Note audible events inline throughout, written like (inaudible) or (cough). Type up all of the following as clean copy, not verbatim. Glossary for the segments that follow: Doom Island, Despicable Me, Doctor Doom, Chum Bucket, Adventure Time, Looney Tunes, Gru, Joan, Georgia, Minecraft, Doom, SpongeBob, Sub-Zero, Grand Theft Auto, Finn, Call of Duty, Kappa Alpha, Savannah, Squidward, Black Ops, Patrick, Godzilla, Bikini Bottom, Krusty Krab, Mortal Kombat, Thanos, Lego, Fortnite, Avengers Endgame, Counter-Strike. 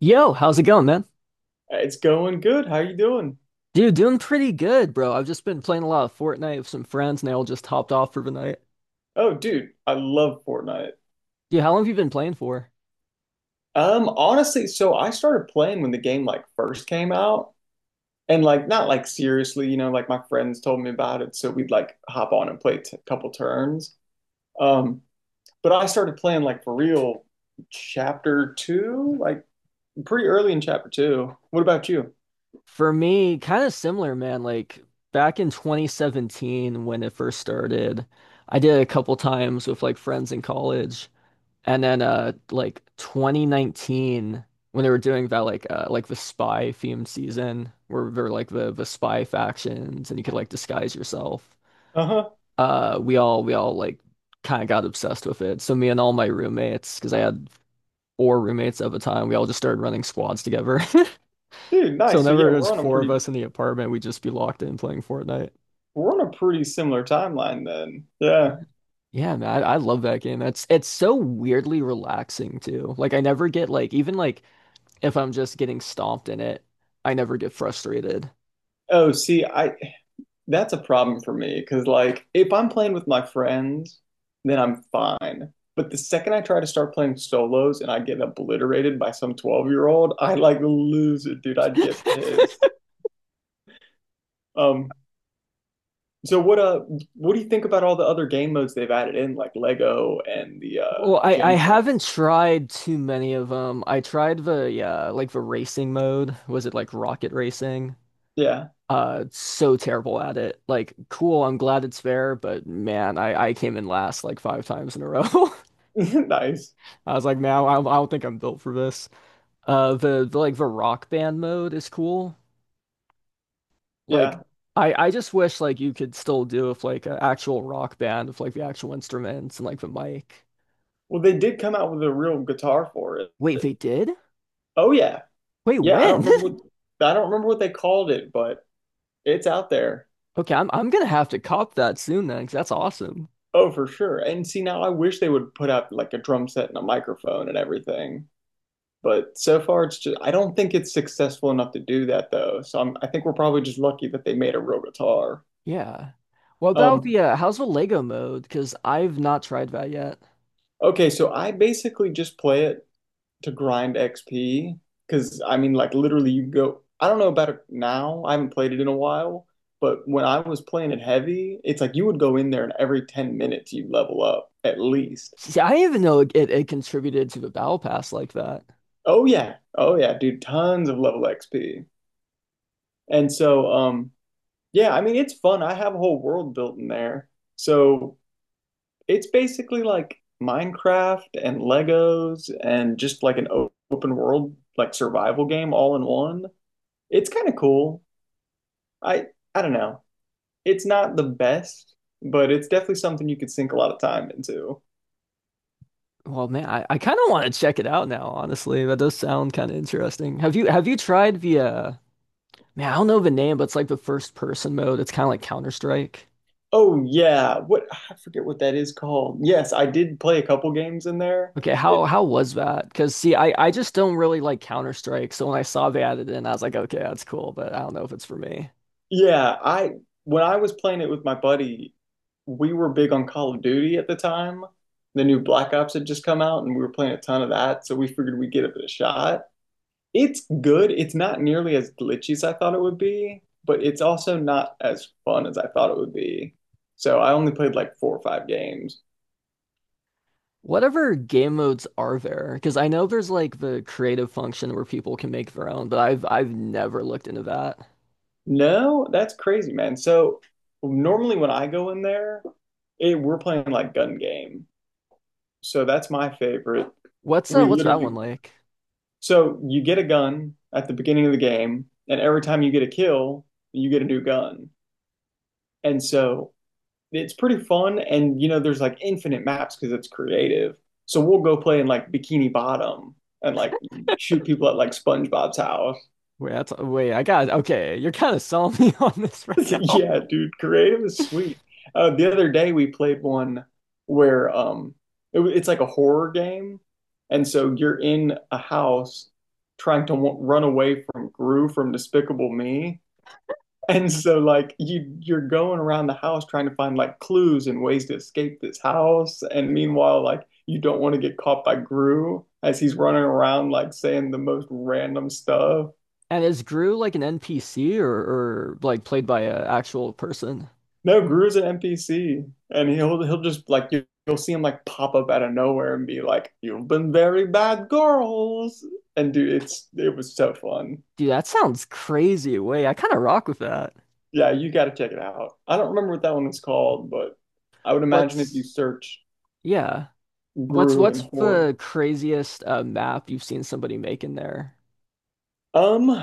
Yo, how's it going, man? It's going good. How you doing? Dude, doing pretty good, bro. I've just been playing a lot of Fortnite with some friends, and they all just hopped off for the night. Oh, dude, I love Fortnite. Dude, how long have you been playing for? Honestly, so I started playing when the game like first came out, and like not like seriously, you know, like my friends told me about it, so we'd like hop on and play t a couple turns. Um, but I started playing like for real chapter two, like pretty early in chapter two. What about you? For me, kind of similar, man. Like back in 2017 when it first started, I did it a couple times with like friends in college, and then like 2019 when they were doing that like the spy themed season where there were like the spy factions and you could like disguise yourself. Uh-huh. We all like kind of got obsessed with it. So me and all my roommates, because I had four roommates at the time, we all just started running squads together. (laughs) Dude, So nice. So yeah, whenever there's we're on a four of pretty us in the apartment, we'd just be locked in playing Fortnite. we're on a pretty similar timeline then. Yeah. Yeah, man, I love that game. That's it's so weirdly relaxing too. Like I never get like even like if I'm just getting stomped in it, I never get frustrated. Oh, see, I that's a problem for me because, like, if I'm playing with my friends, then I'm fine. But the second I try to start playing solos and I get obliterated by some 12-year-old, I like lose it, dude. I'd get (laughs) pissed. Um, so what do you think about all the other game modes they've added in, like Lego and the Well, I jam haven't tracks? tried too many of them. I tried the yeah, like the racing mode. Was it like rocket racing? Yeah. So terrible at it. Like, cool, I'm glad it's fair, but man, I came in last like five times in a row. (laughs) (laughs) Nice. I was like, now I don't think I'm built for this. The like the rock band mode is cool. Like, Yeah. I just wish like you could still do with like an actual rock band with like the actual instruments and like the mic. Well, they did come out with a real guitar for it. Wait, they did? Oh yeah. Wait, Yeah, I don't when? (laughs) remember what I don't remember what they called it, but it's out there. Okay, I'm gonna have to cop that soon then, 'cause that's awesome. Oh, for sure. And see, now I wish they would put out like a drum set and a microphone and everything. But so far, it's just, I don't think it's successful enough to do that though. I think we're probably just lucky that they made a real guitar. Yeah. What about Um, the how's the Lego mode? Because I've not tried that yet. okay, so I basically just play it to grind XP because I mean, like literally, you go, I don't know about it now. I haven't played it in a while, but when I was playing it heavy, it's like you would go in there and every 10 minutes you level up at least. See, I didn't even know it contributed to the battle pass like that. Oh, yeah. Oh, yeah, dude, tons of level XP. And so, yeah, I mean, it's fun. I have a whole world built in there. So it's basically like Minecraft and Legos and just like an open world, like survival game all in one. It's kind of cool. I I don't know. It's not the best, but it's definitely something you could sink a lot of time into. Well, man, I kind of want to check it out now, honestly. That does sound kind of interesting. Have you tried the man, I don't know the name, but it's like the first person mode. It's kind of like Counter-Strike. Oh yeah, what I forget what that is called. Yes, I did play a couple games in there. Okay, how was that? Because see, I just don't really like Counter-Strike, so when I saw they added it in, I was like, okay, that's cool, but I don't know if it's for me. Yeah, I When I was playing it with my buddy, we were big on Call of Duty at the time. The new Black Ops had just come out, and we were playing a ton of that, so we figured we'd give it a shot. It's good. It's not nearly as glitchy as I thought it would be, but it's also not as fun as I thought it would be. So I only played like four or five games. Whatever game modes are there? Because I know there's like the creative function where people can make their own, but I've never looked into that. No, that's crazy, man. So normally when I go in there, we're playing like gun game. So that's my favorite. We What's that literally one like? So you get a gun at the beginning of the game, and every time you get a kill, you get a new gun. And so it's pretty fun. And you know, there's like infinite maps because it's creative. So we'll go play in like Bikini Bottom and like shoot people at like SpongeBob's house. (laughs) Wait, that's, wait, I got okay. You're kind of selling me (laughs) on this right now. Yeah, dude, creative is sweet. The other day we played one where it's like a horror game, and so you're in a house trying to w run away from Gru from Despicable Me. (laughs) And so like you're going around the house trying to find like clues and ways to escape this house. And meanwhile, like you don't want to get caught by Gru as he's running around like saying the most random stuff. And is Gru like an NPC or like played by an actual person? No, Gru's an NPC and he'll just like you'll see him like pop up out of nowhere and be like, "You've been very bad girls." And dude, it was so fun. Dude, that sounds crazy. Wait, I kind of rock with that. Yeah, you got to check it out. I don't remember what that one was called, but I would imagine if you What's search yeah? What's Gru and what's horror. the craziest map you've seen somebody make in there? Um,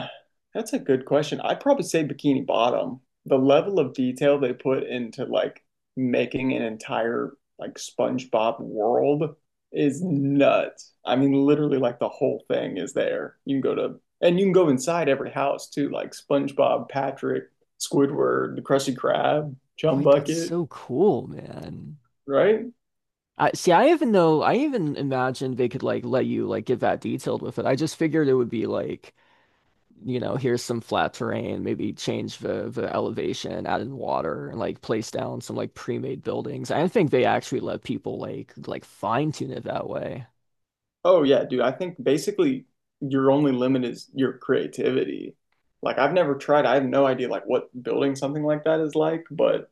that's a good question. I'd probably say Bikini Bottom. The level of detail they put into like making an entire like SpongeBob world is nuts. I mean, literally like the whole thing is there. You can go inside every house too, like SpongeBob, Patrick, Squidward, the Krusty Krab, Chum Wait, that's Bucket, so cool, man. right? I see. I even know. I even imagined they could like let you like get that detailed with it. I just figured it would be like you know, here's some flat terrain, maybe change the elevation, add in water, and like place down some like pre-made buildings. I think they actually let people like fine tune it that way. Oh yeah, dude. I think basically your only limit is your creativity. Like I've never tried. I have no idea like what building something like that is like, but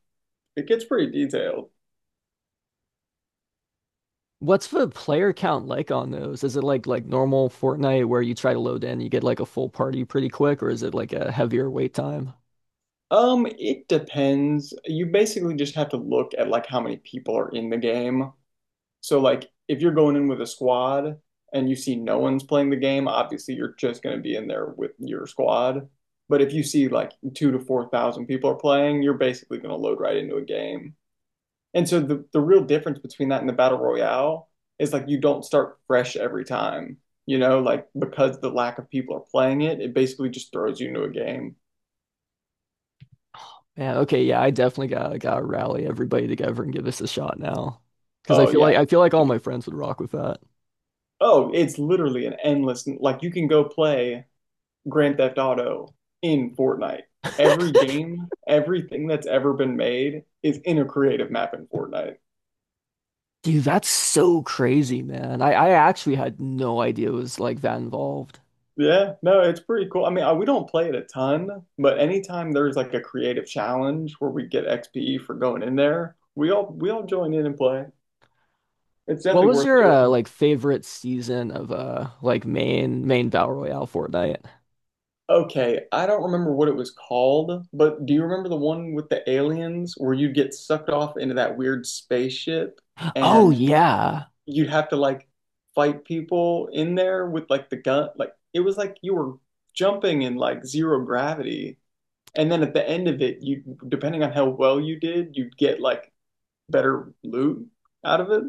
it gets pretty detailed. What's the player count like on those? Is it like normal Fortnite where you try to load in, you get like a full party pretty quick, or is it like a heavier wait time? It depends. You basically just have to look at like how many people are in the game. So like if you're going in with a squad and you see no one's playing the game, obviously you're just going to be in there with your squad. But if you see like two to four thousand people are playing, you're basically going to load right into a game. And so the real difference between that and the battle royale is like you don't start fresh every time, you know, like because the lack of people are playing it, it basically just throws you into a game. Yeah. Okay, yeah, I definitely gotta rally everybody together and give this a shot now. Because I Oh feel yeah, like I feel like all dude. my friends would rock with that. Oh, it's literally an endless like you can go play Grand Theft Auto in Fortnite. (laughs) Every game, everything that's ever been made is in a creative map in Fortnite. Dude, that's so crazy, man. I actually had no idea it was like that involved. Yeah, no, it's pretty cool. I mean, we don't play it a ton, but anytime there's like a creative challenge where we get XPE for going in there, we all join in and play. It's What definitely was worth your doing. like favorite season of like main Battle Royale Fortnite? Okay, I don't remember what it was called, but do you remember the one with the aliens where you'd get sucked off into that weird spaceship Oh and yeah. you'd have to like fight people in there with like the gun? Like it was like you were jumping in like zero gravity. And then at the end of it, you depending on how well you did, you'd get like better loot out of it.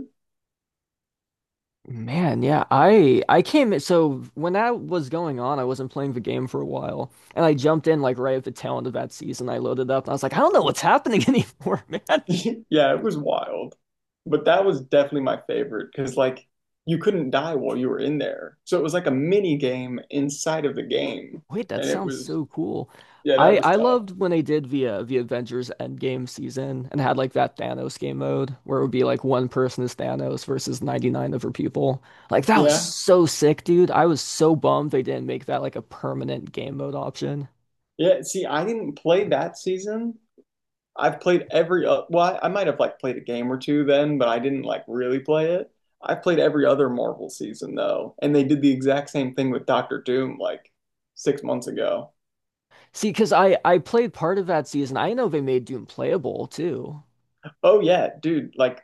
Man, yeah. I came in so when that was going on, I wasn't playing the game for a while. And I jumped in like right at the tail end of that season. I loaded up and I was like, I don't know what's happening (laughs) anymore, man. (laughs) Yeah, it was wild. But that was definitely my favorite because like you couldn't die while you were in there. So it was like a mini game inside of the game. Wait, that And it sounds was so cool. Yeah, that I was I tough. loved when they did the Avengers Endgame season and had like that Thanos game mode where it would be like one person is Thanos versus 99 other people. Like that was Yeah. so sick, dude. I was so bummed they didn't make that like a permanent game mode option. Yeah, see, I didn't play that season. I've played every well, I might have like played a game or two then, but I didn't like really play it. I've played every other Marvel season though, and they did the exact same thing with Doctor Doom like 6 months ago. See, because I played part of that season. I know they made Doom playable too. Oh yeah, dude, like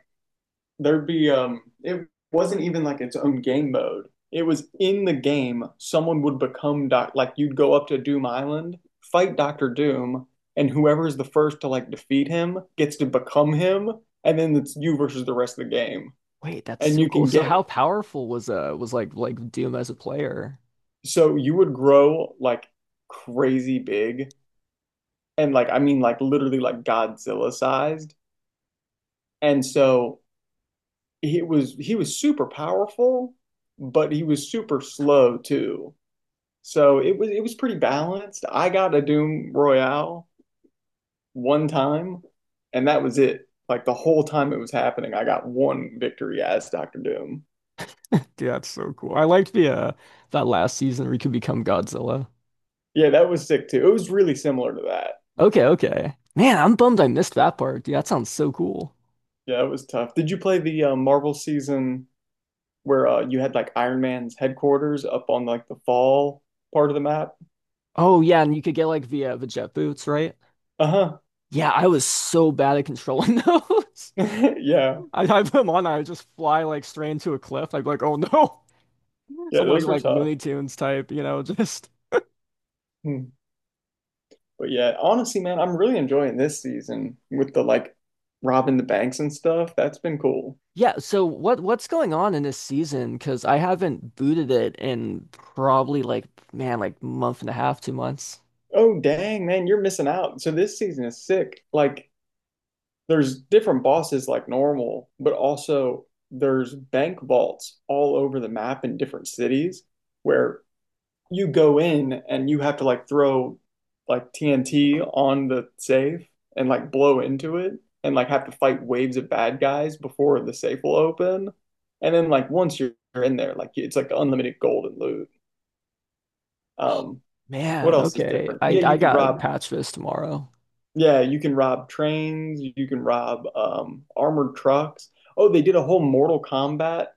there'd be it wasn't even like its own game mode. It was in the game, someone would become doc like you'd go up to Doom Island, fight Doctor Doom, and whoever's the first to like defeat him gets to become him, and then it's you versus the rest of the game. Wait, that's And so you cool. can So get how powerful was like Doom as a player? So you would grow like crazy big and like I mean like literally like Godzilla sized. And so he was super powerful, but he was super slow too. So it was pretty balanced. I got a Doom Royale one time and that was it. Like the whole time it was happening, I got one victory as Doctor Doom. Dude, that's so cool. I liked the that last season where you could become Godzilla. Yeah, that was sick too. It was really similar to that. Okay, okay. Man, I'm bummed I missed that part, dude. That sounds so cool. Yeah, it was tough. Did you play the Marvel season where you had like Iron Man's headquarters up on like the fall part of the map. Oh yeah, and you could get like the jet boots, right? Uh-huh. Yeah, I was so bad at controlling (laughs) those. (laughs) Yeah. I put them on, I would just fly like straight into a cliff. I'd be like, oh no, (laughs) Yeah, some like those were like tough. Looney Tunes type, you know, (laughs) just Hmm. But yeah, honestly, man, I'm really enjoying this season with the like robbing the banks and stuff. That's been cool. yeah. So what's going on in this season? Because I haven't booted it in probably like man, like month and a half, 2 months. Oh, dang, man, you're missing out. So this season is sick. Like there's different bosses like normal, but also there's bank vaults all over the map in different cities where you go in and you have to like throw like TNT on the safe and like blow into it and like have to fight waves of bad guys before the safe will open. And then like once you're in there, like it's like unlimited gold and loot. Oh, Um, what man, else is okay. different? I Yeah, I you can gotta rob. patch this tomorrow. Yeah, you can rob trains. You can rob armored trucks. Oh, they did a whole Mortal Kombat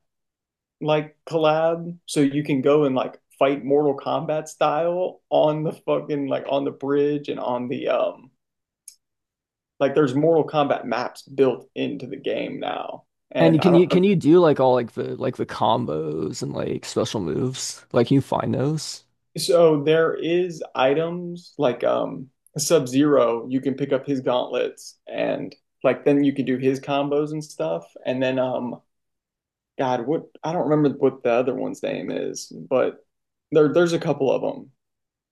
like collab so you can go and like fight Mortal Kombat style on the fucking like on the bridge and on the like there's Mortal Kombat maps built into the game now. And you- And I can don't you can remember. you do like all like the combos and like special moves? Like can you find those? So there is items like Sub-Zero, you can pick up his gauntlets and like then you can do his combos and stuff. And then God, what I don't remember what the other one's name is, but there's a couple of them.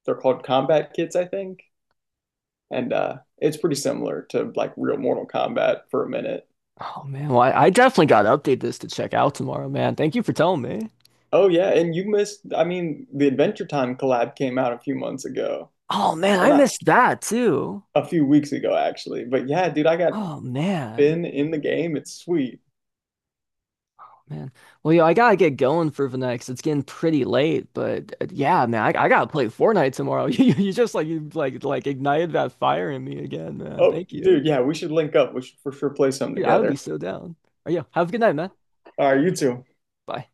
They're called combat kits, I think. And it's pretty similar to like real Mortal Kombat for a minute. Oh man, well, I definitely gotta update this to check out tomorrow, man. Thank you for telling me. Oh yeah, and you missed. I mean, the Adventure Time collab came out a few months ago, Oh man, or I not missed that too. a few weeks ago actually. But yeah, dude, I got Oh man. Finn in the game. It's sweet. Oh, man. Well, yo, I gotta get going for the next. It's getting pretty late, but yeah, man, I gotta play Fortnite tomorrow. (laughs) You just like you like ignited that fire in me again, man. Oh, Thank you. dude, yeah, we should link up. We should for sure play some Dude, I would be together. so down. Oh, yeah, have a good night, man. All right, you too. Bye.